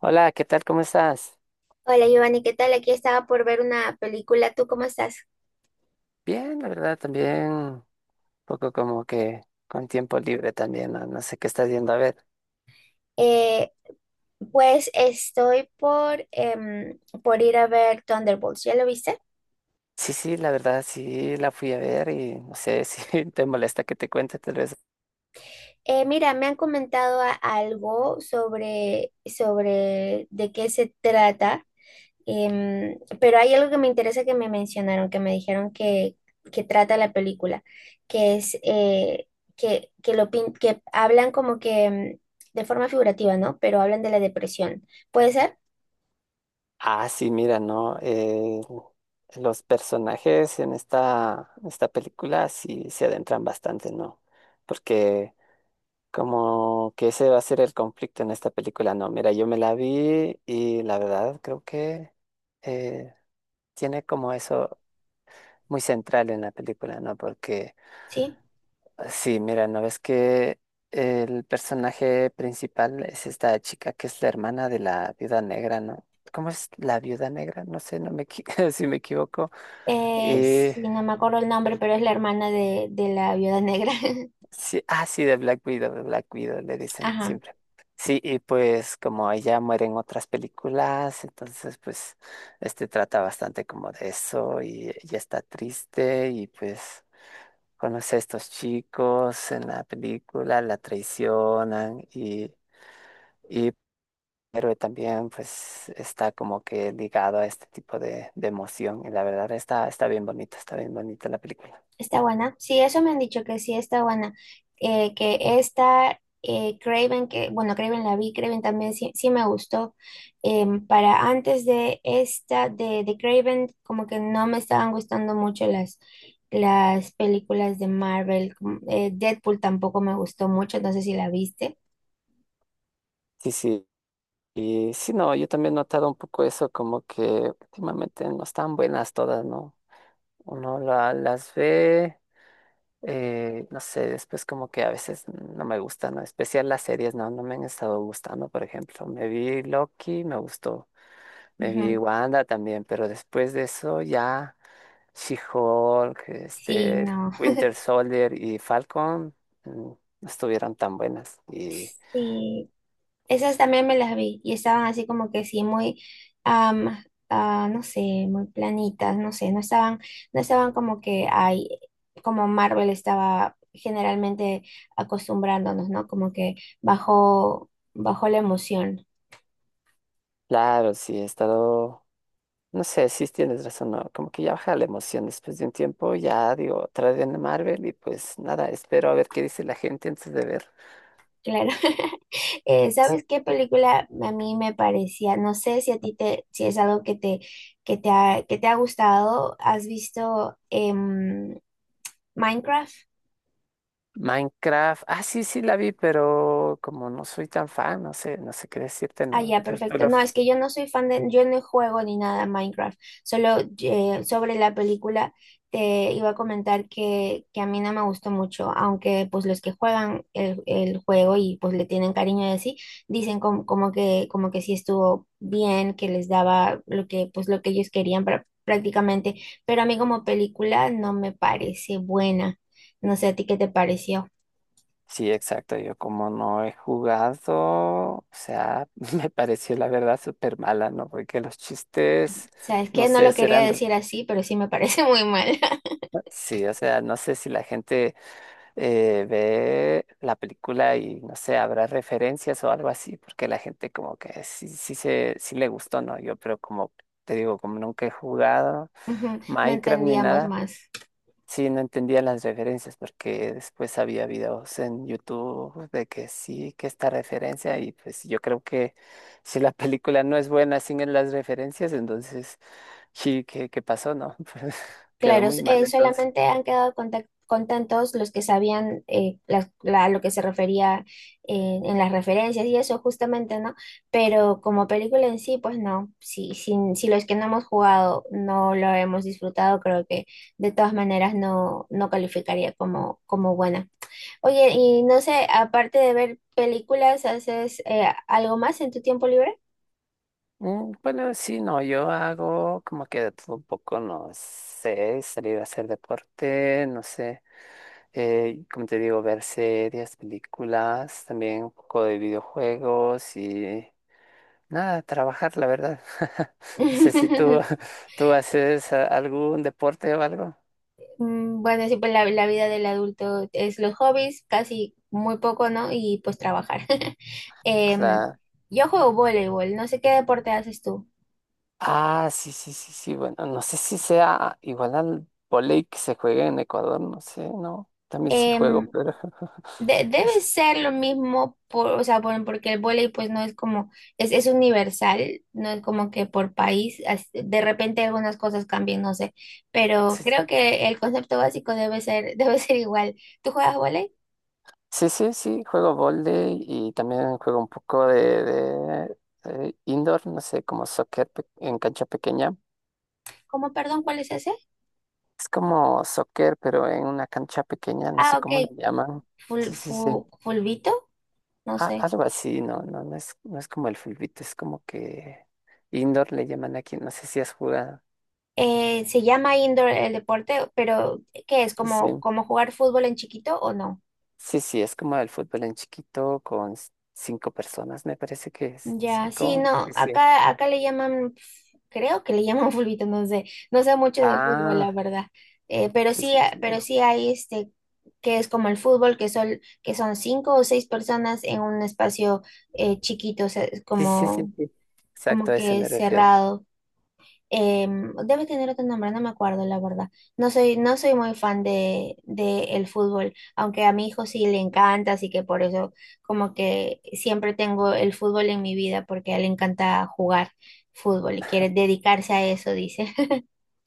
Hola, ¿qué tal? ¿Cómo estás? Hola Giovanni, ¿qué tal? Aquí estaba por ver una película. ¿Tú cómo estás? Bien, la verdad, también un poco como que con tiempo libre también, no, no sé qué estás yendo a ver. Eh, pues estoy por ir a ver Thunderbolts. ¿Ya lo viste? Sí, sí, la verdad, sí, la fui a ver y no sé si te molesta que te cuente tal vez. Mira, me han comentado algo sobre de qué se trata, pero hay algo que me interesa que me mencionaron, que me dijeron que trata la película, que es que hablan como que de forma figurativa, ¿no? Pero hablan de la depresión. ¿Puede ser? Ah, sí, mira, ¿no? Los personajes en esta película sí se adentran bastante, ¿no? Porque como que ese va a ser el conflicto en esta película, ¿no? Mira, yo me la vi y la verdad creo que... eh, tiene como eso, muy central en la película, ¿no? Porque Sí. sí, mira, ¿no ves que el personaje principal es esta chica que es la hermana de la viuda negra, ¿no? ¿Cómo es la viuda negra? No sé, si me equivoco. Eh, Sí, no me acuerdo el nombre, pero es la hermana de la viuda negra. sí, ah, sí, de Black Widow, le dicen Ajá, siempre. Sí, y pues como ella muere en otras películas, entonces pues este trata bastante como de eso y ella está triste y pues conoce a estos chicos en la película, la traicionan y el héroe también pues está como que ligado a este tipo de emoción y la verdad está, está bien bonita la película. está buena. Sí, eso me han dicho que sí está buena. Que esta Craven, que bueno, Craven la vi, Craven también sí, sí me gustó. Para antes de esta, de Craven, como que no me estaban gustando mucho las películas de Marvel. Deadpool tampoco me gustó mucho, no sé si la viste. Sí, sí. Y sí, no, yo también he notado un poco eso, como que últimamente no están buenas todas, ¿no? Uno las ve. No sé, después como que a veces no me gustan, ¿no? En especial las series, no, no me han estado gustando, por ejemplo. Me vi Loki, me gustó. Me vi Ujú. Wanda también, pero después de eso ya She-Hulk, Sí, este, no. Winter Soldier y Falcon, no estuvieron tan buenas. Y Sí, esas también me las vi y estaban así como que am, no sé, muy planitas, no sé, no no estaban como que hay, como Marvel estaba generalmente acostumbrándonos, ¿no? Como que bajó la emoción, claro, sí he estado, no sé, si tienes razón, ¿no? Como que ya baja la emoción después de un tiempo, ya digo, otra vez en Marvel y pues nada, espero a ver qué dice la gente antes de claro. ¿Sabes qué ver. película a mí me parecía? No sé si a ti si es algo que que te ha gustado. ¿Has visto Minecraft? Minecraft, ah, sí, sí la vi, pero como no soy tan fan, no sé, no sé qué decirte, Ah, no. ya, perfecto. No, es que yo no soy fan de, yo no juego ni nada a Minecraft. Solo sobre la película te iba a comentar que a mí no me gustó mucho, aunque pues los que juegan el juego y pues le tienen cariño de así, dicen como como que sí estuvo bien, que les daba lo que, pues lo que ellos querían prácticamente, pero a mí como película no me parece buena. No sé a ti qué te pareció. Sí, exacto, yo como no he jugado, o sea, me pareció la verdad súper mala, ¿no? Porque los chistes, Sabes no que no sé, lo quería decir así, pero sí me parece muy mal. sí, o sea, no sé si la gente ve la película y, no sé, habrá referencias o algo así, porque la gente como que sí, sí, se, sí le gustó, ¿no? Yo, pero como te digo, como nunca he jugado Ujú, no Minecraft ni entendíamos nada. más. Sí, no entendía las referencias porque después había videos en YouTube de que sí, que esta referencia y pues yo creo que si la película no es buena sin las referencias, entonces sí, qué pasó, no? Pues quedó Claro, muy mal entonces. solamente han quedado contentos los que sabían lo que se refería en las referencias y eso justamente, ¿no? Pero como película en sí, pues no. Si, si, si los que no hemos jugado no lo hemos disfrutado, creo que de todas maneras no calificaría como, como buena. Oye, y no sé, aparte de ver películas, ¿haces algo más en tu tiempo libre? Bueno, sí, no, yo hago como que de todo un poco, no sé, salir a hacer deporte, no sé, como te digo, ver series, películas, también un poco de videojuegos y... nada, trabajar, la verdad. No sé si tú, tú haces algún deporte o algo. Mm, bueno, sí, pues la vida del adulto es los hobbies, casi muy poco, ¿no? Y pues trabajar. Em, Claro. yo juego voleibol, no sé qué deporte haces tú. Ah, sí, sí, sí, sí. Bueno, no sé si sea igual al vóley que se juega en Ecuador, no sé, no. También sí juego, Em, pero debe es- ser lo mismo, o sea, porque el voleibol pues no es como, es universal, no es como que por país, de repente algunas cosas cambian, no sé, pero sí, creo sí, que el concepto básico debe debe ser igual. ¿Tú juegas voleibol? sí, sí, sí, juego vóley y también juego un poco de indoor, no sé, como soccer en cancha pequeña. ¿Cómo, perdón, cuál es ese? Es como soccer, pero en una cancha pequeña, no sé Ah, cómo le ok, llaman. Sí, sí, sí. Fulvito. No sé. Algo así, no, no, no es, no es como el fulbito, es como que indoor le llaman aquí, no sé si has jugado. Se llama indoor el deporte, pero ¿qué es? Sí, ¿Como, como jugar fútbol en chiquito o no? sí, sí, es como el fútbol en chiquito con cinco personas, me parece que es. Ya, sí, Cinco, no, sí, sí. Acá le llaman, creo que le llaman fulbito, no sé, no sé mucho de fútbol, la Ah, verdad. Pero sí, sí, sí, sí. pero No. sí hay este, que es como el fútbol, que son 5 o 6 personas en un espacio chiquito, o sea, es Sí, sí, sí, como, sí. como Exacto, a ese que me refiero. cerrado. Eh, debe tener otro nombre, no me acuerdo, la verdad. No soy muy fan de el fútbol, aunque a mi hijo sí le encanta, así que por eso como que siempre tengo el fútbol en mi vida, porque a él le encanta jugar fútbol y quiere dedicarse a eso, dice.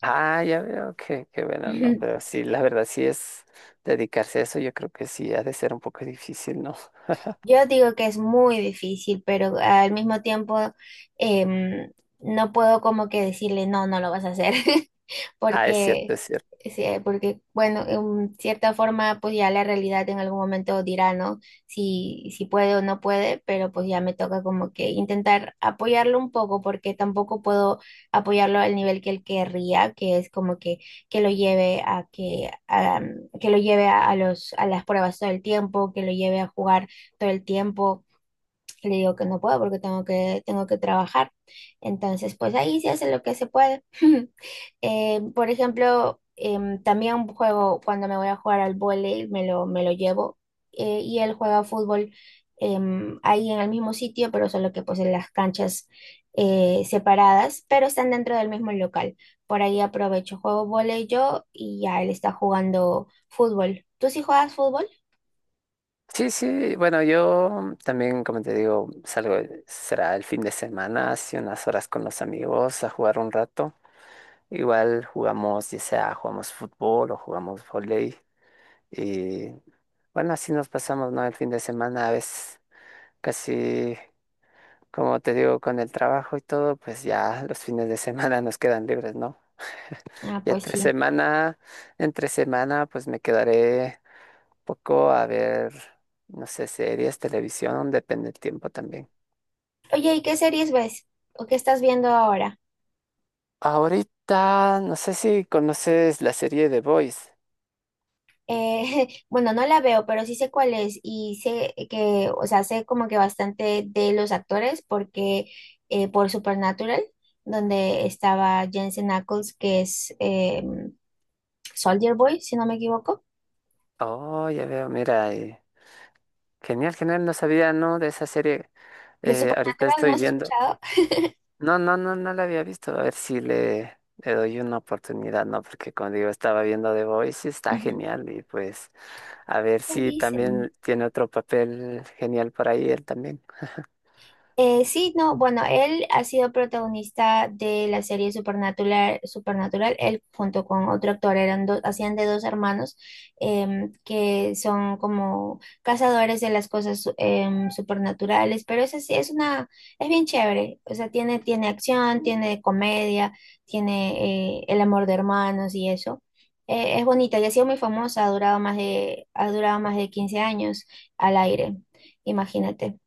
Ah, ya veo que bueno, no, pero sí, la verdad, sí es dedicarse a eso, yo creo que sí, ha de ser un poco difícil, ¿no? Yo digo que es muy difícil, pero al mismo tiempo em, no puedo como que decirle, no, no lo vas a hacer. Ah, es cierto, porque, es cierto. sí, porque bueno, en cierta forma, pues ya la realidad en algún momento dirá, ¿no? Si, si puede o no puede, pero pues ya me toca como que intentar apoyarlo un poco, porque tampoco puedo apoyarlo al nivel que él querría, que es como que lo lleve a, que lo lleve a a las pruebas todo el tiempo, que lo lleve a jugar todo el tiempo le digo que no puedo porque tengo tengo que trabajar. Entonces, pues ahí se hace lo que se puede. Por ejemplo, em, también juego cuando me voy a jugar al vóley, me lo llevo y él juega fútbol em, ahí en el mismo sitio, pero solo que pues en las canchas separadas, pero están dentro del mismo local. Por ahí aprovecho, juego vóley yo y ya él está jugando fútbol. ¿Tú sí juegas fútbol? Sí, sí, bueno, yo también, como te digo, salgo, será el fin de semana, hace unas horas con los amigos a jugar un rato. Igual jugamos, ya sea jugamos fútbol o jugamos vóley. Y bueno, así nos pasamos, ¿no? El fin de semana a veces casi, como te digo, con el trabajo y todo, pues ya los fines de semana nos quedan libres, ¿no? Ah, Y pues sí. Entre semana, pues me quedaré poco a ver, no sé, series, televisión, depende del tiempo también. Oye, ¿y qué series ves? ¿O qué estás viendo ahora? Ahorita, no sé si conoces la serie The Boys. Bueno, no la veo, pero sí sé cuál es y sé o sea, sé como que bastante de los actores porque por Supernatural, donde estaba Jensen Ackles, que es Soldier Boy, si no me equivoco. Oh, ya veo, mira, genial, genial, no sabía, ¿no? De esa serie. De Ahorita Supernatural no estoy has viendo. escuchado. No, no, no, no la había visto. A ver si le, le doy una oportunidad, ¿no? Porque como digo, estaba viendo The Voice y está Ujú. genial. Y pues, a ver Eso si dicen. también tiene otro papel genial por ahí él también. Sí, no, bueno, él ha sido protagonista de la serie Supernatural, Supernatural, él junto con otro actor, eran dos, hacían de dos hermanos que son como cazadores de las cosas supernaturales, pero es así, es una, es bien chévere, o sea, tiene acción, tiene comedia, tiene el amor de hermanos y eso. Es bonita y ha sido muy famosa, ha durado más ha durado más de 15 años al aire, imagínate.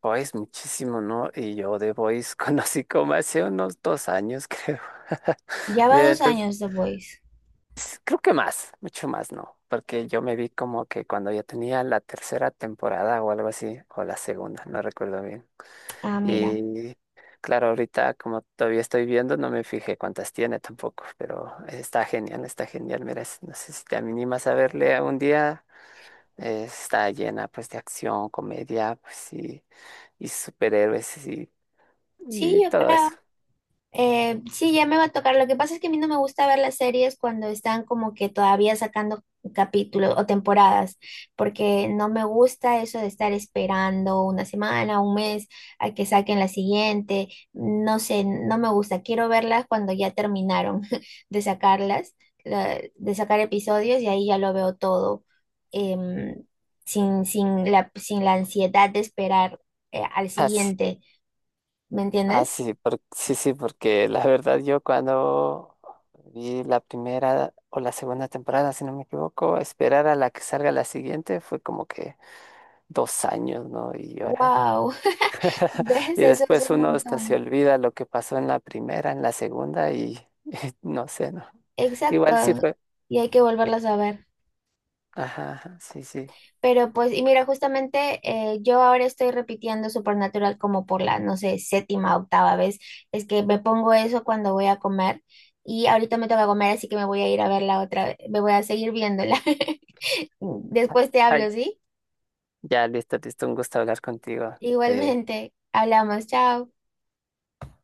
Boys muchísimo, ¿no? Y yo de Boys conocí como hace unos 2 años, creo. Ya va Mira, dos entonces, años The Voice. creo que más, mucho más, ¿no? Porque yo me vi como que cuando ya tenía la tercera temporada o algo así, o la segunda, no recuerdo bien. Ah, mira. Y claro, ahorita como todavía estoy viendo, no me fijé cuántas tiene tampoco, pero está genial, está genial. Mira, no sé si te animas a verle un día. Está llena pues de acción, comedia, pues sí y superhéroes Sí, y yo todo eso. creo. Sí, ya me va a tocar. Lo que pasa es que a mí no me gusta ver las series cuando están como que todavía sacando capítulos o temporadas, porque no me gusta eso de estar esperando una semana, un mes a que saquen la siguiente. No sé, no me gusta. Quiero verlas cuando ya terminaron de sacarlas, de sacar episodios y ahí ya lo veo todo, em, sin la ansiedad de esperar, al Así, siguiente. ¿Me entiendes? así, sí, sí, porque la verdad yo cuando vi la primera o la segunda temporada, si no me equivoco, esperar a la que salga la siguiente fue como que 2 años, ¿no? Y ahora. Wow. ¿Ves? Y Eso es después un uno hasta se montón. olvida lo que pasó en la primera, en la segunda y, no sé, ¿no? Exacto. Igual sí fue. Y hay que volverlas a ver. Ajá, ajá, sí, sí. Pero pues, y mira, justamente yo ahora estoy repitiendo Supernatural como por la, no sé, séptima, octava vez. Es que me pongo eso cuando voy a comer. Y ahorita me toca comer, así que me voy a ir a verla otra vez. Me voy a seguir viéndola. Después te Ay, hablo, ¿sí? ya, listo, listo, un gusto hablar contigo. Eh, Igualmente. Hablamos. Chao.